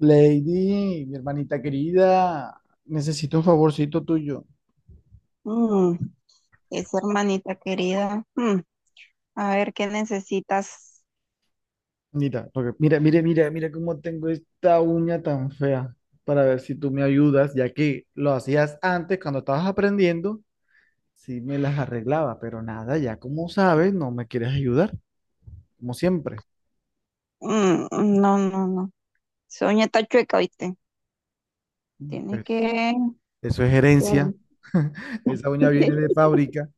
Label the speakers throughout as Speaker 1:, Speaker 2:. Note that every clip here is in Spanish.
Speaker 1: Lady, mi hermanita querida, necesito un favorcito tuyo.
Speaker 2: Mm, esa hermanita querida. Mm, a ver, ¿qué necesitas?
Speaker 1: Mira, porque mira, mira, mira, mira cómo tengo esta uña tan fea. Para ver si tú me ayudas, ya que lo hacías antes cuando estabas aprendiendo, sí me las arreglaba, pero nada, ya como sabes, no me quieres ayudar, como siempre.
Speaker 2: Mm, no, no, no. Esa uña está chueca, ¿viste? Tiene
Speaker 1: Pues
Speaker 2: que,
Speaker 1: eso es
Speaker 2: que...
Speaker 1: herencia. Esa uña viene de fábrica.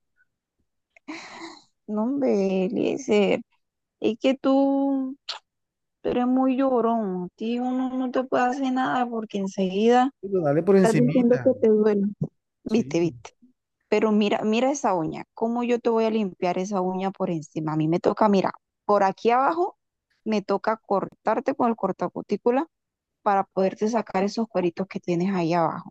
Speaker 2: No, hombre, Eliezer. Es que tú eres muy llorón. A ti uno no te puede hacer nada porque enseguida
Speaker 1: Pero dale por
Speaker 2: estás diciendo que
Speaker 1: encimita,
Speaker 2: te duele. Viste,
Speaker 1: sí.
Speaker 2: viste. Pero mira, mira esa uña. ¿Cómo yo te voy a limpiar esa uña por encima? A mí me toca, mira, por aquí abajo me toca cortarte con el cortacutícula para poderte sacar esos cueritos que tienes ahí abajo.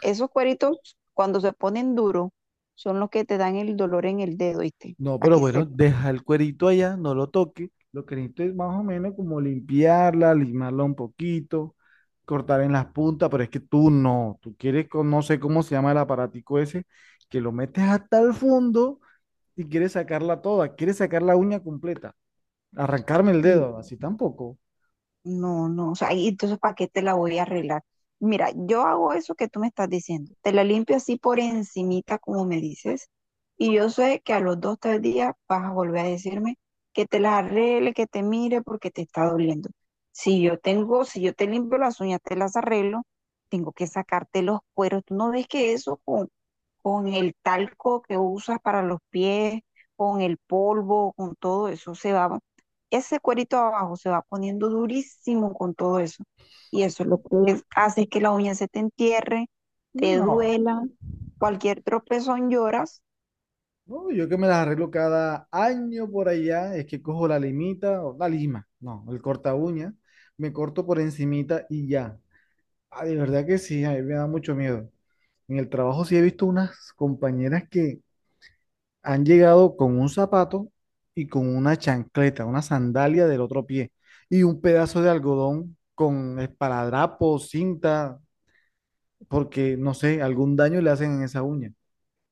Speaker 2: Esos cueritos, cuando se ponen duros, son los que te dan el dolor en el dedo, ¿viste?
Speaker 1: No,
Speaker 2: Para
Speaker 1: pero
Speaker 2: que
Speaker 1: bueno,
Speaker 2: sepas.
Speaker 1: deja el cuerito allá, no lo toque. Lo que necesito es más o menos como limpiarla, limarla un poquito, cortar en las puntas, pero es que tú no, tú quieres con, no sé cómo se llama el aparatico ese, que lo metes hasta el fondo y quieres sacarla toda, quieres sacar la uña completa, arrancarme el dedo, así tampoco.
Speaker 2: No, no, o sea, y entonces ¿para qué te la voy a arreglar? Mira, yo hago eso que tú me estás diciendo, te la limpio así por encimita como me dices, y yo sé que a los dos, tres días vas a volver a decirme que te la arregle, que te mire porque te está doliendo. Si yo tengo, si yo te limpio las uñas, te las arreglo, tengo que sacarte los cueros. ¿Tú no ves que eso con el talco que usas para los pies, con el polvo, con todo eso se va ese cuerito abajo se va poniendo durísimo con todo eso. Y eso lo que hace es que la uña se te entierre, te
Speaker 1: No,
Speaker 2: duela, cualquier tropezón lloras.
Speaker 1: no, yo que me las arreglo cada año por allá, es que cojo la limita o la lima, no, el corta uña, me corto por encimita y ya. Ah, de verdad que sí, a mí me da mucho miedo. En el trabajo sí he visto unas compañeras que han llegado con un zapato y con una chancleta, una sandalia del otro pie y un pedazo de algodón con esparadrapo, cinta, porque no sé, algún daño le hacen en esa uña.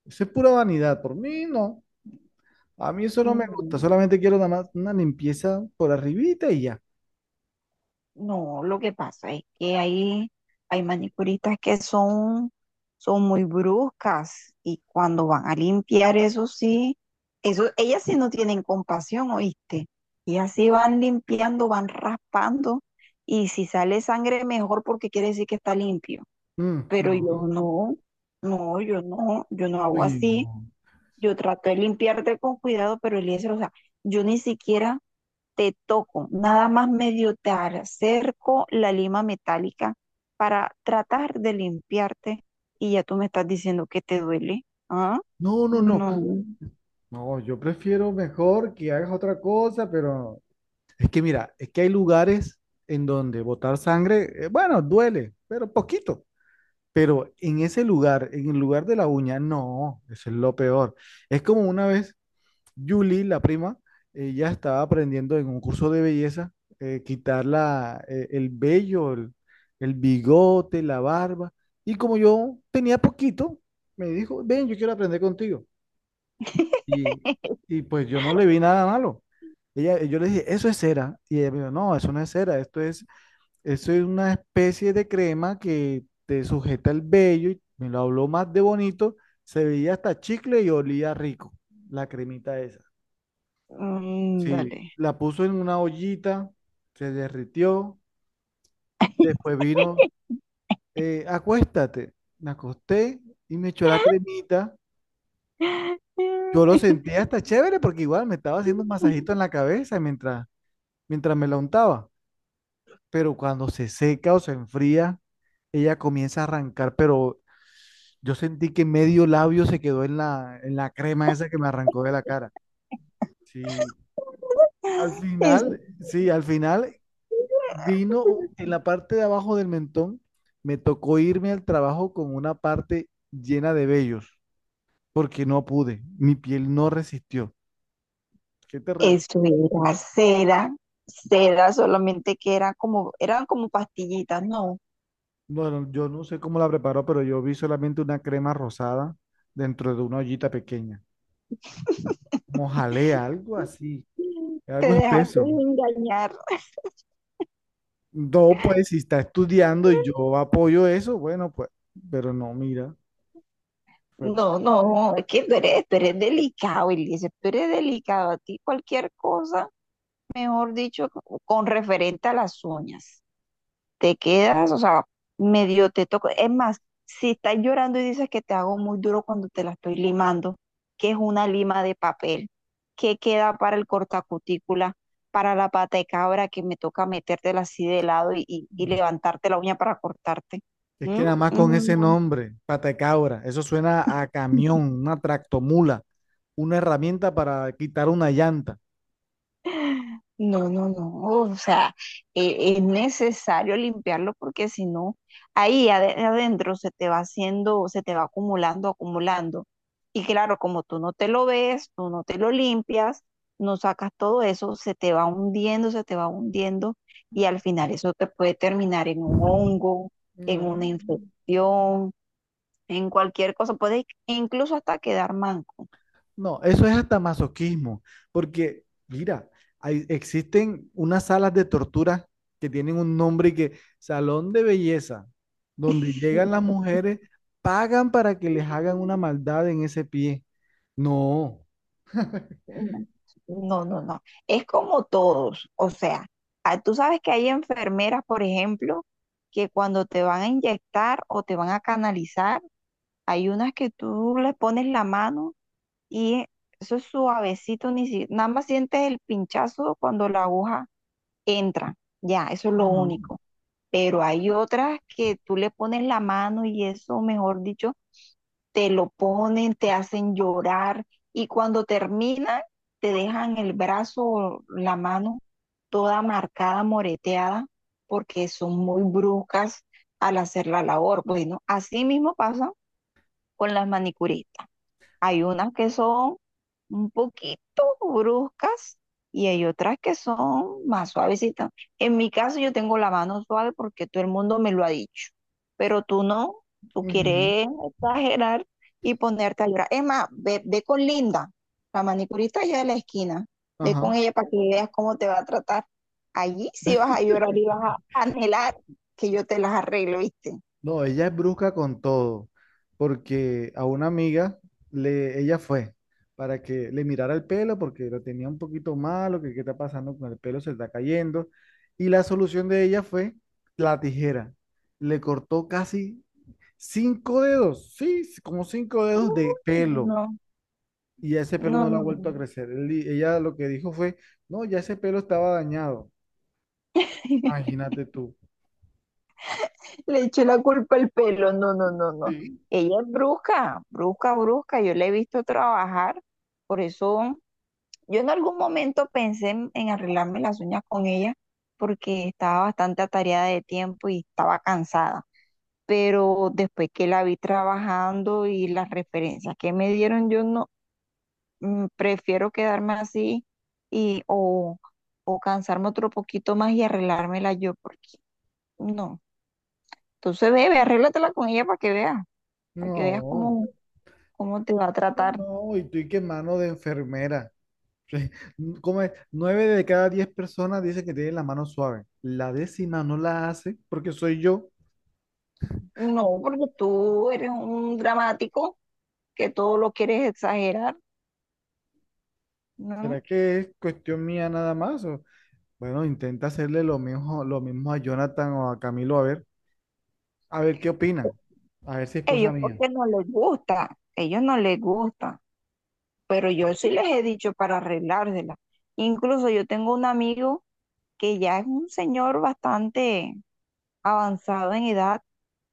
Speaker 1: Eso es pura vanidad, por mí no. A mí eso no me gusta,
Speaker 2: Mm,
Speaker 1: solamente quiero nada más una limpieza por arribita y ya.
Speaker 2: no, lo que pasa es que hay manicuristas que son, son muy bruscas y cuando van a limpiar, eso sí, eso, ellas sí no tienen compasión, ¿oíste? Y así van limpiando, van raspando y si sale sangre mejor porque quiere decir que está limpio.
Speaker 1: Mm,
Speaker 2: Pero yo
Speaker 1: no.
Speaker 2: no, no, yo no, yo no hago
Speaker 1: Uy,
Speaker 2: así.
Speaker 1: no.
Speaker 2: Yo trato de limpiarte con cuidado, pero Eliezer, o sea, yo ni siquiera te toco, nada más medio te acerco la lima metálica para tratar de limpiarte y ya tú me estás diciendo que te duele. ¿Ah?
Speaker 1: No, no, no.
Speaker 2: No.
Speaker 1: No, yo prefiero mejor que hagas otra cosa, pero es que mira, es que hay lugares en donde botar sangre, bueno, duele, pero poquito. Pero en ese lugar, en el lugar de la uña, no, eso es lo peor. Es como una vez Julie, la prima, ella estaba aprendiendo en un curso de belleza, quitar la, el vello, el bigote, la barba. Y como yo tenía poquito, me dijo, ven, yo quiero aprender contigo. Y, y pues yo no le vi nada malo. Ella, yo le dije, eso es cera. Y ella me dijo, no, eso no es cera, esto es, eso es una especie de crema que te sujeta el vello. Y me lo habló más de bonito, se veía hasta chicle y olía rico, la cremita esa.
Speaker 2: Mm,
Speaker 1: Sí,
Speaker 2: dale.
Speaker 1: la puso en una ollita, se derritió, después vino, acuéstate. Me acosté y me echó la cremita. Yo lo sentía hasta chévere porque igual me estaba haciendo un masajito en la cabeza mientras me la untaba. Pero cuando se seca o se enfría, ella comienza a arrancar, pero yo sentí que medio labio se quedó en la crema esa que me arrancó de la cara. Sí,
Speaker 2: Es-
Speaker 1: sí, al final vino en la parte de abajo del mentón, me tocó irme al trabajo con una parte llena de vellos, porque no pude, mi piel no resistió. Qué terrible.
Speaker 2: Eso era cera, cera solamente que era como, eran como pastillitas, no,
Speaker 1: Bueno, yo no sé cómo la preparó, pero yo vi solamente una crema rosada dentro de una ollita pequeña. Como jalea, algo así,
Speaker 2: te
Speaker 1: algo
Speaker 2: dejaste
Speaker 1: espeso.
Speaker 2: engañar.
Speaker 1: No, pues si está estudiando y yo apoyo eso, bueno, pues, pero no, mira, fue-
Speaker 2: No, no, es que tú eres delicado, Eliezer, tú eres delicado. A ti cualquier cosa, mejor dicho, con referente a las uñas. Te quedas, o sea, medio te toco. Es más, si estás llorando y dices que te hago muy duro cuando te la estoy limando, que es una lima de papel, qué queda para el cortacutícula, para la pata de cabra que me toca metértela así de lado y levantarte la uña para cortarte.
Speaker 1: es que
Speaker 2: ¿Mm?
Speaker 1: nada más con ese
Speaker 2: Mm,
Speaker 1: nombre, patacabra, eso suena a
Speaker 2: no.
Speaker 1: camión, una tractomula, una herramienta para quitar una llanta.
Speaker 2: No, no, no, o sea, es necesario limpiarlo porque si no, adentro se te va haciendo, se te va acumulando, acumulando. Y claro, como tú no te lo ves, tú no te lo limpias, no sacas todo eso, se te va hundiendo, se te va hundiendo y al final eso te puede terminar en un hongo, en
Speaker 1: No.
Speaker 2: una infección, en cualquier cosa, puede incluso hasta quedar manco.
Speaker 1: No, eso es hasta masoquismo, porque mira, existen unas salas de tortura que tienen un nombre y que salón de belleza, donde llegan las mujeres, pagan para que les hagan una maldad en ese pie. No.
Speaker 2: No, no, no, no. Es como todos. O sea, ah, tú sabes que hay enfermeras, por ejemplo, que cuando te van a inyectar o te van a canalizar, hay unas que tú le pones la mano y eso es suavecito, ni si, nada más sientes el pinchazo cuando la aguja entra. Ya, eso es lo
Speaker 1: Ajá.
Speaker 2: único. Pero hay otras que tú le pones la mano y eso, mejor dicho, te lo ponen, te hacen llorar y cuando terminan te dejan el brazo o la mano toda marcada, moreteada, porque son muy bruscas al hacer la labor. Bueno, así mismo pasa con las manicuristas. Hay unas que son un poquito bruscas y hay otras que son más suavecitas. En mi caso yo tengo la mano suave porque todo el mundo me lo ha dicho, pero tú no, tú
Speaker 1: Ujú,
Speaker 2: quieres exagerar y ponerte a llorar. Es más, ve, ve con Linda, la manicurista allá de la esquina, ve con
Speaker 1: ajá.
Speaker 2: ella para que veas cómo te va a tratar. Allí sí vas a llorar y vas a anhelar que yo te las arreglo, ¿viste?
Speaker 1: No, ella es brusca con todo, porque a una amiga le, ella fue para que le mirara el pelo porque lo tenía un poquito malo, que qué está pasando con el pelo, se está cayendo. Y la solución de ella fue la tijera. Le cortó casi 5 dedos, sí, como 5 dedos de
Speaker 2: Uy,
Speaker 1: pelo.
Speaker 2: no,
Speaker 1: Y ese pelo
Speaker 2: no,
Speaker 1: no le ha
Speaker 2: no,
Speaker 1: vuelto
Speaker 2: no.
Speaker 1: a crecer. Ella lo que dijo fue, no, ya ese pelo estaba dañado. Imagínate tú.
Speaker 2: Le eché la culpa al pelo. No, no, no, no. Ella es brusca, brusca, brusca. Yo la he visto trabajar. Por eso yo en algún momento pensé en arreglarme las uñas con ella porque estaba bastante atareada de tiempo y estaba cansada. Pero después que la vi trabajando y las referencias que me dieron, yo no, mm, prefiero quedarme así y o cansarme otro poquito más y arreglármela yo porque no. Entonces, bebe, arréglatela con ella para que veas. Para que veas
Speaker 1: No,
Speaker 2: cómo, cómo te va a
Speaker 1: no,
Speaker 2: tratar.
Speaker 1: no, y tú y qué mano de enfermera. ¿Como es? 9 de cada 10 personas dicen que tienen la mano suave. La décima no la hace porque soy yo.
Speaker 2: No, porque tú eres un dramático que todo lo quieres exagerar, ¿no?
Speaker 1: ¿Será que es cuestión mía nada más? O, bueno, intenta hacerle lo mismo a Jonathan o a Camilo a ver qué opinan. A ver si es cosa
Speaker 2: Ellos
Speaker 1: mía.
Speaker 2: porque no les gusta, ellos no les gusta, pero yo sí les he dicho para arreglársela. Incluso yo tengo un amigo que ya es un señor bastante avanzado en edad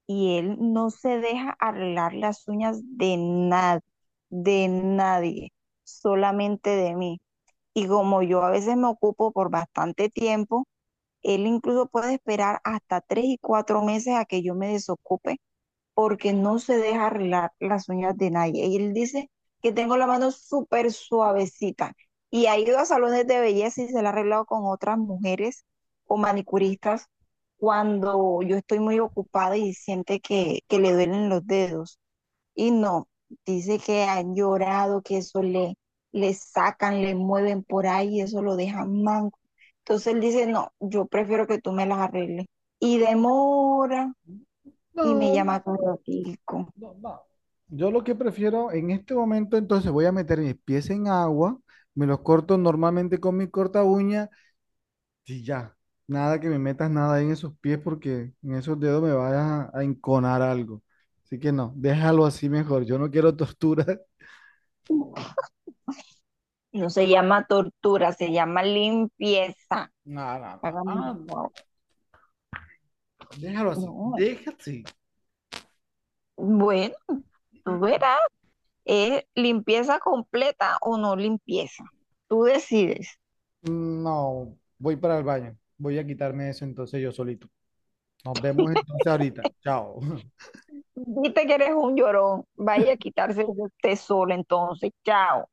Speaker 2: y él no se deja arreglar las uñas de nadie, solamente de mí. Y como yo a veces me ocupo por bastante tiempo, él incluso puede esperar hasta tres y cuatro meses a que yo me desocupe porque no se deja arreglar las uñas de nadie. Y él dice que tengo la mano súper suavecita y ha ido a salones de belleza y se la ha arreglado con otras mujeres o manicuristas cuando yo estoy muy ocupada y siente que le duelen los dedos. Y no, dice que han llorado, que eso le, le sacan, le mueven por ahí, y eso lo dejan manco. Entonces él dice, no, yo prefiero que tú me las arregles. Y demora y me
Speaker 1: No,
Speaker 2: llama corotico.
Speaker 1: no, no. Yo lo que prefiero en este momento, entonces voy a meter mis pies en agua, me los corto normalmente con mi corta uña. Sí, ya. Nada que me metas nada ahí en esos pies porque en esos dedos me vayas a enconar algo. Así que no, déjalo así mejor. Yo no quiero tortura.
Speaker 2: No se llama tortura, se llama limpieza.
Speaker 1: No, no, no,
Speaker 2: Hágame,
Speaker 1: no, no,
Speaker 2: wow.
Speaker 1: déjalo así,
Speaker 2: No,
Speaker 1: déjalo así.
Speaker 2: bueno, tú verás, es limpieza completa o no limpieza. Tú decides.
Speaker 1: No, voy para el baño. Voy a quitarme eso entonces yo solito. Nos vemos entonces ahorita. Chao.
Speaker 2: Viste que eres un llorón. Vaya a quitarse de usted solo, entonces. Chao.